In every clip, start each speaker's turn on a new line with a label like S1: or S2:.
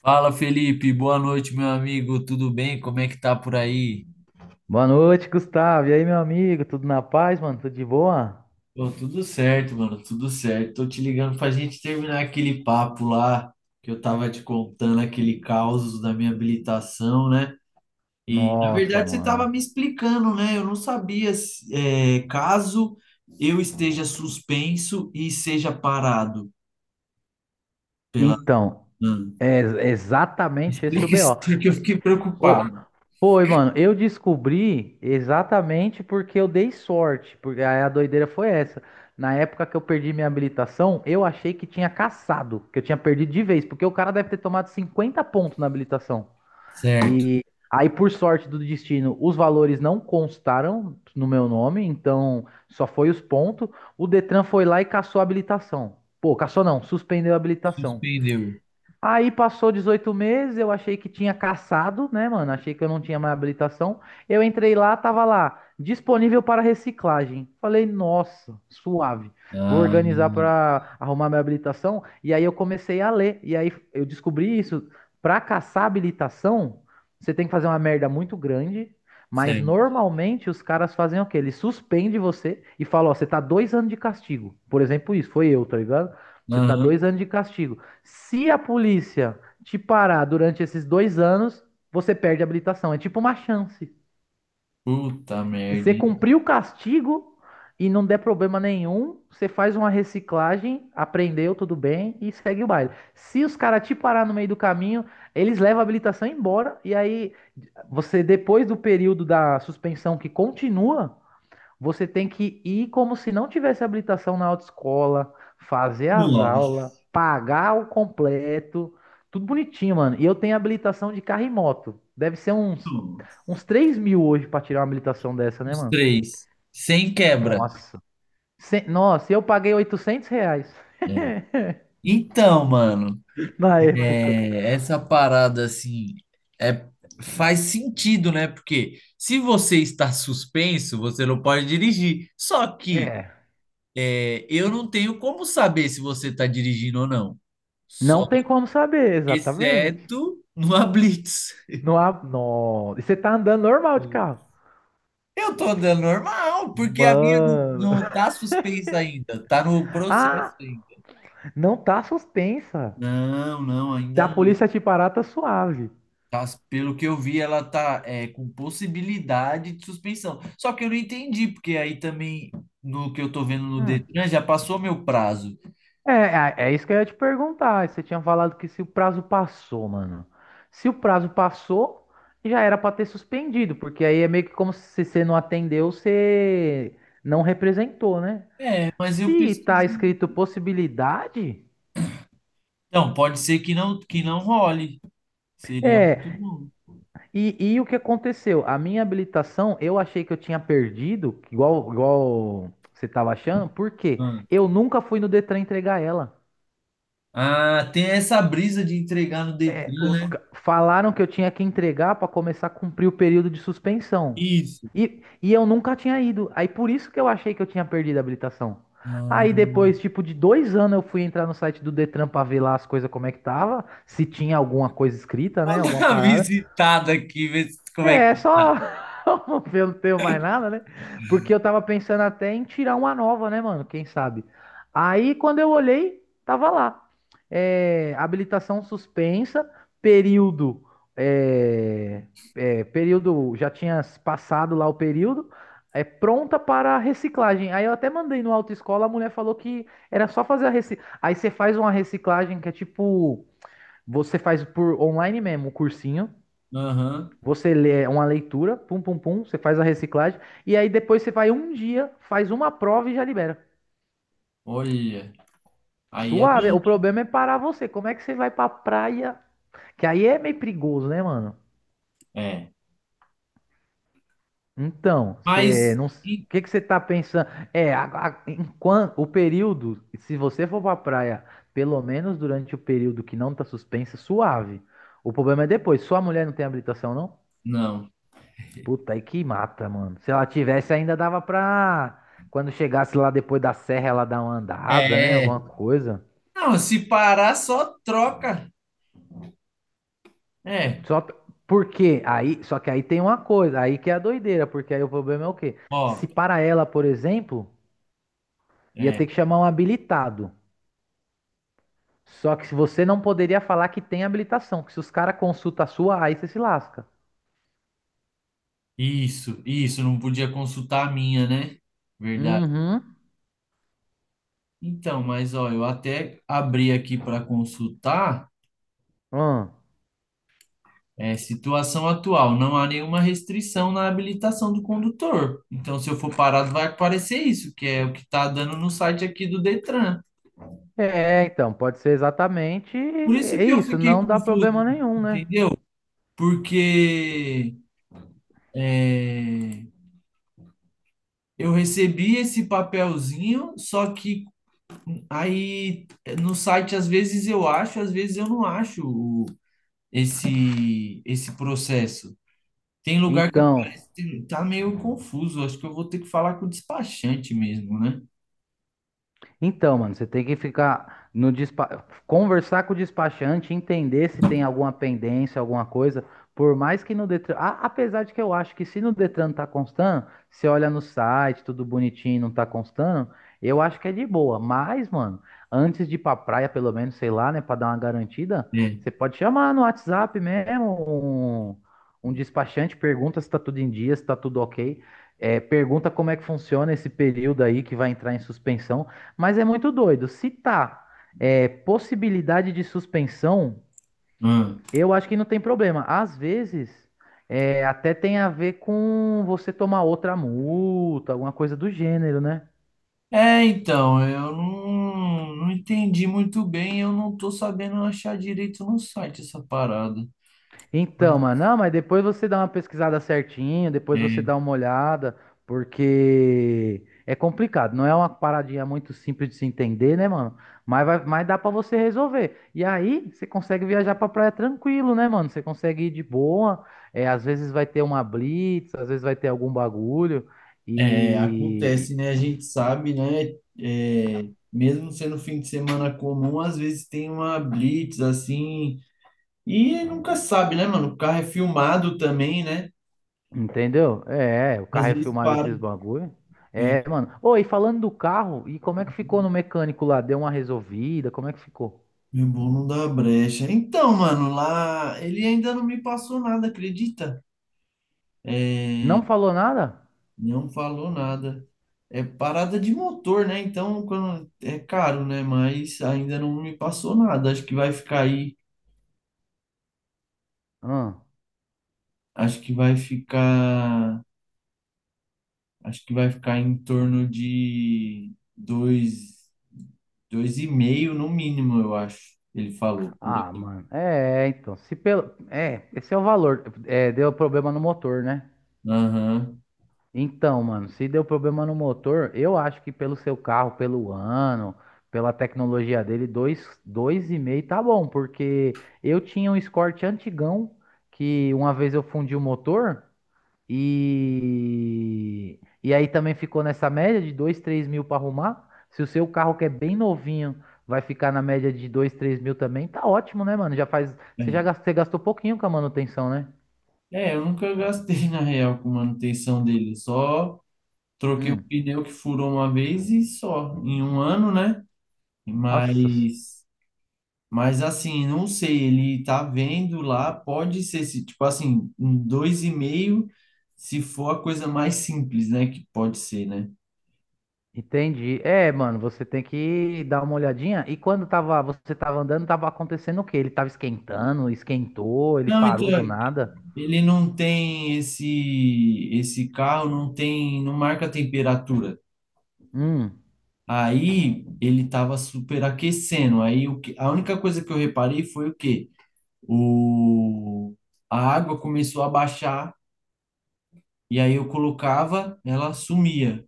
S1: Fala, Felipe, boa noite, meu amigo, tudo bem? Como é que tá por aí?
S2: Boa noite, Gustavo. E aí, meu amigo? Tudo na paz, mano? Tudo de boa?
S1: Pô, tudo certo, mano, tudo certo. Tô te ligando pra gente terminar aquele papo lá que eu tava te contando, aquele caos da minha habilitação, né? E na
S2: Nossa,
S1: verdade você tava
S2: mano.
S1: me explicando, né? Eu não sabia caso eu esteja suspenso e seja parado pela.
S2: Então,
S1: Hum.
S2: é exatamente esse o
S1: Explica
S2: B.
S1: isso porque eu
S2: E-
S1: fiquei
S2: o-
S1: preocupado.
S2: Ô, Foi, mano. Eu descobri exatamente porque eu dei sorte. Porque aí a doideira foi essa. Na época que eu perdi minha habilitação, eu achei que tinha caçado, que eu tinha perdido de vez, porque o cara deve ter tomado 50 pontos na habilitação.
S1: Certo,
S2: E aí, por sorte do destino, os valores não constaram no meu nome, então só foi os pontos. O Detran foi lá e cassou a habilitação. Pô, cassou não, suspendeu a habilitação.
S1: suspendeu.
S2: Aí passou 18 meses, eu achei que tinha caçado, né, mano? Achei que eu não tinha mais habilitação. Eu entrei lá, tava lá, disponível para reciclagem. Falei, nossa, suave. Vou
S1: Ah,
S2: organizar para arrumar minha habilitação. E aí eu comecei a ler. E aí eu descobri isso. Para caçar habilitação, você tem que fazer uma merda muito grande. Mas
S1: certo.
S2: normalmente os caras fazem o quê? Eles suspendem você e falam, ó, você tá 2 anos de castigo. Por exemplo, isso, foi eu, tá ligado? Você tá
S1: Aham.
S2: dois anos de castigo. Se a polícia te parar durante esses 2 anos, você perde a habilitação. É tipo uma chance.
S1: Puta
S2: Se
S1: merda,
S2: você
S1: hein?
S2: cumprir o castigo e não der problema nenhum, você faz uma reciclagem, aprendeu, tudo bem, e segue o baile. Se os caras te parar no meio do caminho, eles levam a habilitação embora, e aí você, depois do período da suspensão que continua, você tem que ir como se não tivesse habilitação na autoescola, fazer as
S1: Nossa,
S2: aulas, pagar o completo, tudo bonitinho, mano. E eu tenho habilitação de carro e moto. Deve ser uns 3 mil hoje pra tirar uma habilitação dessa, né,
S1: os
S2: mano?
S1: três. Sem quebra.
S2: Nossa. Nossa, eu paguei R$ 800
S1: É. Então, mano,
S2: na época.
S1: essa parada assim é, faz sentido, né? Porque se você está suspenso, você não pode dirigir. Só que
S2: É,
S1: eu não tenho como saber se você está dirigindo ou não. Só
S2: não tem como saber, exatamente.
S1: Exceto numa blitz.
S2: Não há. Não. E você tá andando normal de carro.
S1: Eu tô andando normal, porque a minha não,
S2: Mano.
S1: não tá suspensa ainda, tá no processo
S2: Ah,
S1: ainda.
S2: não tá suspensa.
S1: Não, não,
S2: Se
S1: ainda
S2: a
S1: não.
S2: polícia te parar, tá suave.
S1: Tá, pelo que eu vi, ela tá com possibilidade de suspensão. Só que eu não entendi, porque aí também, no que eu tô vendo no
S2: Hum.
S1: Detran, já passou meu prazo.
S2: É isso que eu ia te perguntar. Você tinha falado que se o prazo passou, mano. Se o prazo passou, já era pra ter suspendido, porque aí é meio que como se você não atendeu, você não representou, né?
S1: É, mas eu
S2: Se tá
S1: pesquisei.
S2: escrito possibilidade,
S1: Não, pode ser que não role. Seria muito
S2: é.
S1: bom.
S2: E o que aconteceu? A minha habilitação, eu achei que eu tinha perdido, igual você tava achando, porque
S1: Ah,
S2: eu nunca fui no Detran entregar ela.
S1: Ah, tem essa brisa de entregar no
S2: É,
S1: Detran, né?
S2: falaram que eu tinha que entregar para começar a cumprir o período de suspensão.
S1: Isso.
S2: E eu nunca tinha ido. Aí por isso que eu achei que eu tinha perdido a habilitação. Aí
S1: Ah,
S2: depois, tipo, de dois anos eu fui entrar no site do Detran para ver lá as coisas como é que tava, se tinha alguma coisa escrita, né?
S1: vou dar
S2: Alguma
S1: uma
S2: parada.
S1: visitada aqui, ver se- como
S2: É,
S1: é
S2: é
S1: que tá.
S2: só eu não tenho mais nada, né? Porque eu tava pensando até em tirar uma nova, né, mano? Quem sabe? Aí quando eu olhei, tava lá. É, habilitação suspensa, período. É, é, período. Já tinha passado lá o período. É pronta para reciclagem. Aí eu até mandei no autoescola, a mulher falou que era só fazer a reciclagem. Aí você faz uma reciclagem que é tipo. Você faz por online mesmo, o cursinho.
S1: Aham.
S2: Você lê uma leitura, pum, pum, pum, você faz a reciclagem, e aí depois você vai um dia, faz uma prova e já libera.
S1: Olha, aí é
S2: Suave, o
S1: bem.
S2: problema é parar você. Como é que você vai pra praia? Que aí é meio perigoso, né, mano?
S1: É.
S2: Então, você
S1: Mas.
S2: não. O que que você tá pensando? É, enquanto o período, se você for pra praia, pelo menos durante o período que não tá suspensa, suave. O problema é depois. Sua mulher não tem habilitação, não?
S1: Não.
S2: Puta, aí que mata, mano. Se ela tivesse, ainda dava pra. Quando chegasse lá depois da serra, ela dar uma andada, né?
S1: É,
S2: Alguma coisa.
S1: Não, se parar, só troca. É,
S2: Só p- Porque aí, só que aí tem uma coisa, aí que é a doideira, porque aí o problema é o quê? Se
S1: ó,
S2: para ela, por exemplo, ia
S1: é,
S2: ter que chamar um habilitado. Só que se você não poderia falar que tem habilitação, que se os caras consultam a sua, aí você se lasca.
S1: isso, isso, não podia consultar a minha, né? Verdade.
S2: Uhum.
S1: Então, mas ó, eu até abri aqui para consultar,
S2: Hum.
S1: situação atual, não há nenhuma restrição na habilitação do condutor. Então, se eu for parado, vai aparecer isso, que é o que está dando no site aqui do Detran.
S2: É, então, pode ser exatamente
S1: Por isso
S2: é
S1: que eu
S2: isso,
S1: fiquei
S2: não dá problema
S1: confuso,
S2: nenhum, né?
S1: entendeu? Porque é, eu recebi esse papelzinho, só que aí no site às vezes eu acho, às vezes eu não acho esse processo. Tem lugar que
S2: Então,
S1: aparece, tá meio confuso. Acho que eu vou ter que falar com o despachante mesmo, né?
S2: Então, mano, você tem que ficar no despa... conversar com o despachante, entender se tem alguma pendência, alguma coisa. Por mais que no Detran, apesar de que eu acho que se no Detran tá constando, você olha no site, tudo bonitinho, não tá constando, eu acho que é de boa. Mas, mano, antes de ir pra praia, pelo menos, sei lá, né, pra dar uma garantida,
S1: É.
S2: você pode chamar no WhatsApp mesmo um, despachante, pergunta se tá tudo em dia, se tá tudo ok. É, pergunta como é que funciona esse período aí que vai entrar em suspensão. Mas é muito doido. Se tá possibilidade de suspensão,
S1: Ah.
S2: eu acho que não tem problema. Às vezes, até tem a ver com você tomar outra multa, alguma coisa do gênero, né?
S1: É, então, eu não entendi muito bem, eu não tô sabendo achar direito no site essa parada. Mas,
S2: Então, mano, não, mas depois você dá uma pesquisada certinho, depois você
S1: é,
S2: dá uma olhada, porque é complicado, não é uma paradinha muito simples de se entender, né, mano? Mas, vai, mas dá pra você resolver. E aí, você consegue viajar pra praia tranquilo, né, mano? Você consegue ir de boa, é, às vezes vai ter uma blitz, às vezes vai ter algum bagulho,
S1: Acontece,
S2: e
S1: né? A gente sabe, né? É, mesmo sendo fim de semana comum, às vezes tem uma blitz assim, e nunca sabe, né, mano? O carro é filmado também, né?
S2: entendeu? É, o
S1: Às
S2: carro é
S1: vezes
S2: filmado
S1: para.
S2: esses bagulho.
S1: É,
S2: É, mano. Ô, e falando do carro, e como é que ficou no mecânico lá? Deu uma resolvida? Como é que ficou?
S1: meu bom não dá brecha. Então, mano, lá ele ainda não me passou nada, acredita? É,
S2: Não falou nada?
S1: não falou nada. É parada de motor, né? Então, quando é caro, né? Mas ainda não me passou nada. Acho que vai ficar aí.
S2: Hum.
S1: Acho que vai ficar. Acho que vai ficar em torno de dois, dois e meio no mínimo, eu acho. Ele falou, por
S2: Ah,
S1: aí.
S2: mano. É, então. Se pelo... É, esse é o valor. É, deu problema no motor, né?
S1: Aham.
S2: Então, mano, se deu problema no motor, eu acho que pelo seu carro, pelo ano, pela tecnologia dele, dois, dois e meio tá bom, porque eu tinha um Escort antigão que uma vez eu fundi o motor. E aí também ficou nessa média de 2 3 mil para arrumar. Se o seu carro que é bem novinho vai ficar na média de 2 3 mil também, tá ótimo, né, mano? Já faz. Você já
S1: É,
S2: gastou, você gastou pouquinho com a manutenção, né?
S1: Eu nunca gastei na real com manutenção dele. Só troquei o
S2: Hum.
S1: pneu que furou uma vez e só, em um ano, né?
S2: Nossa,
S1: Mas, mas assim, não sei. Ele tá vendo lá, pode ser, se, tipo assim, um dois e meio, se for a coisa mais simples, né? Que pode ser, né?
S2: entendi. É, mano, você tem que dar uma olhadinha. E quando tava, você tava andando, tava acontecendo o quê? Ele tava esquentando, esquentou, ele
S1: Não,
S2: parou do
S1: então.
S2: nada.
S1: Ele não tem esse carro, não tem, não marca a temperatura.
S2: Hum,
S1: Aí ele estava superaquecendo. Aí o que, a única coisa que eu reparei foi o quê? O A água começou a baixar e aí eu colocava, ela sumia.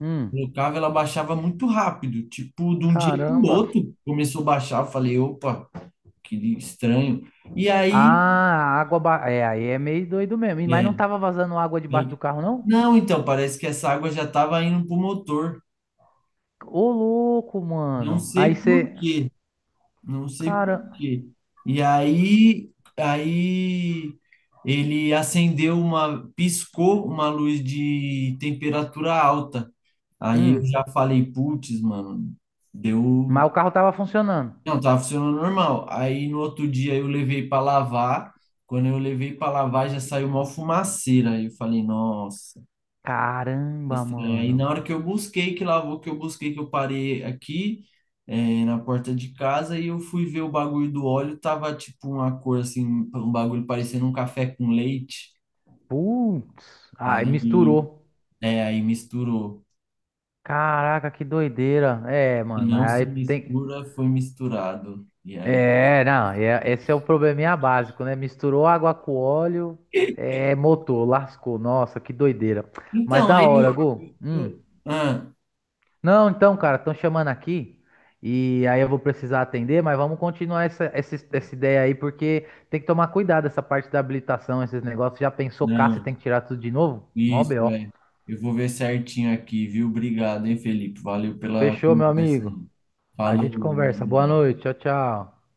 S2: hum.
S1: Colocava, ela baixava muito rápido, tipo de um dia para o
S2: Caramba.
S1: outro começou a baixar. Eu falei, opa, que estranho. E aí,
S2: Ah, água. É, aí é meio doido mesmo. Mas não
S1: é,
S2: tava vazando água debaixo do
S1: aí-
S2: carro, não?
S1: não, então parece que essa água já estava indo para o motor.
S2: Ô, louco,
S1: Não
S2: mano. Aí
S1: sei por
S2: você.
S1: quê, não sei por
S2: Cara.
S1: quê. E aí, ele acendeu uma, piscou uma luz de temperatura alta. Aí eu
S2: Hum.
S1: já falei, putz, mano, deu.
S2: Mas o carro tava funcionando.
S1: Não, tava funcionando normal. Aí no outro dia eu levei para lavar. Quando eu levei para lavar, já saiu uma fumaceira. Aí eu falei, nossa,
S2: Caramba,
S1: estranho. Aí na
S2: mano.
S1: hora que eu busquei, que lavou, que eu busquei, que eu parei aqui, na porta de casa, e eu fui ver o bagulho do óleo, tava tipo uma cor assim, um bagulho parecendo um café com leite.
S2: Putz. Aí
S1: Aí,
S2: misturou.
S1: aí misturou.
S2: Caraca, que doideira. É,
S1: Se
S2: mano, mas
S1: não se
S2: aí tem.
S1: mistura, foi misturado. E aí.
S2: É, não. Esse é o probleminha básico, né? Misturou água com óleo. É, motor, lascou. Nossa, que doideira. Mas
S1: Então,
S2: da
S1: aí
S2: hora, Gu. Hum.
S1: ah,
S2: Não, então, cara, estão chamando aqui e aí eu vou precisar atender, mas vamos continuar essa, essa, ideia aí, porque tem que tomar cuidado essa parte da habilitação, esses negócios. Já pensou
S1: não,
S2: caça e tem que tirar tudo de novo? Mó
S1: isso,
S2: BO.
S1: é. Eu vou ver certinho aqui, viu? Obrigado, hein, Felipe? Valeu pela
S2: Fechou, meu
S1: conversa
S2: amigo.
S1: aí.
S2: A gente
S1: Falou,
S2: conversa.
S1: um
S2: Boa
S1: abraço.
S2: noite. Tchau, tchau.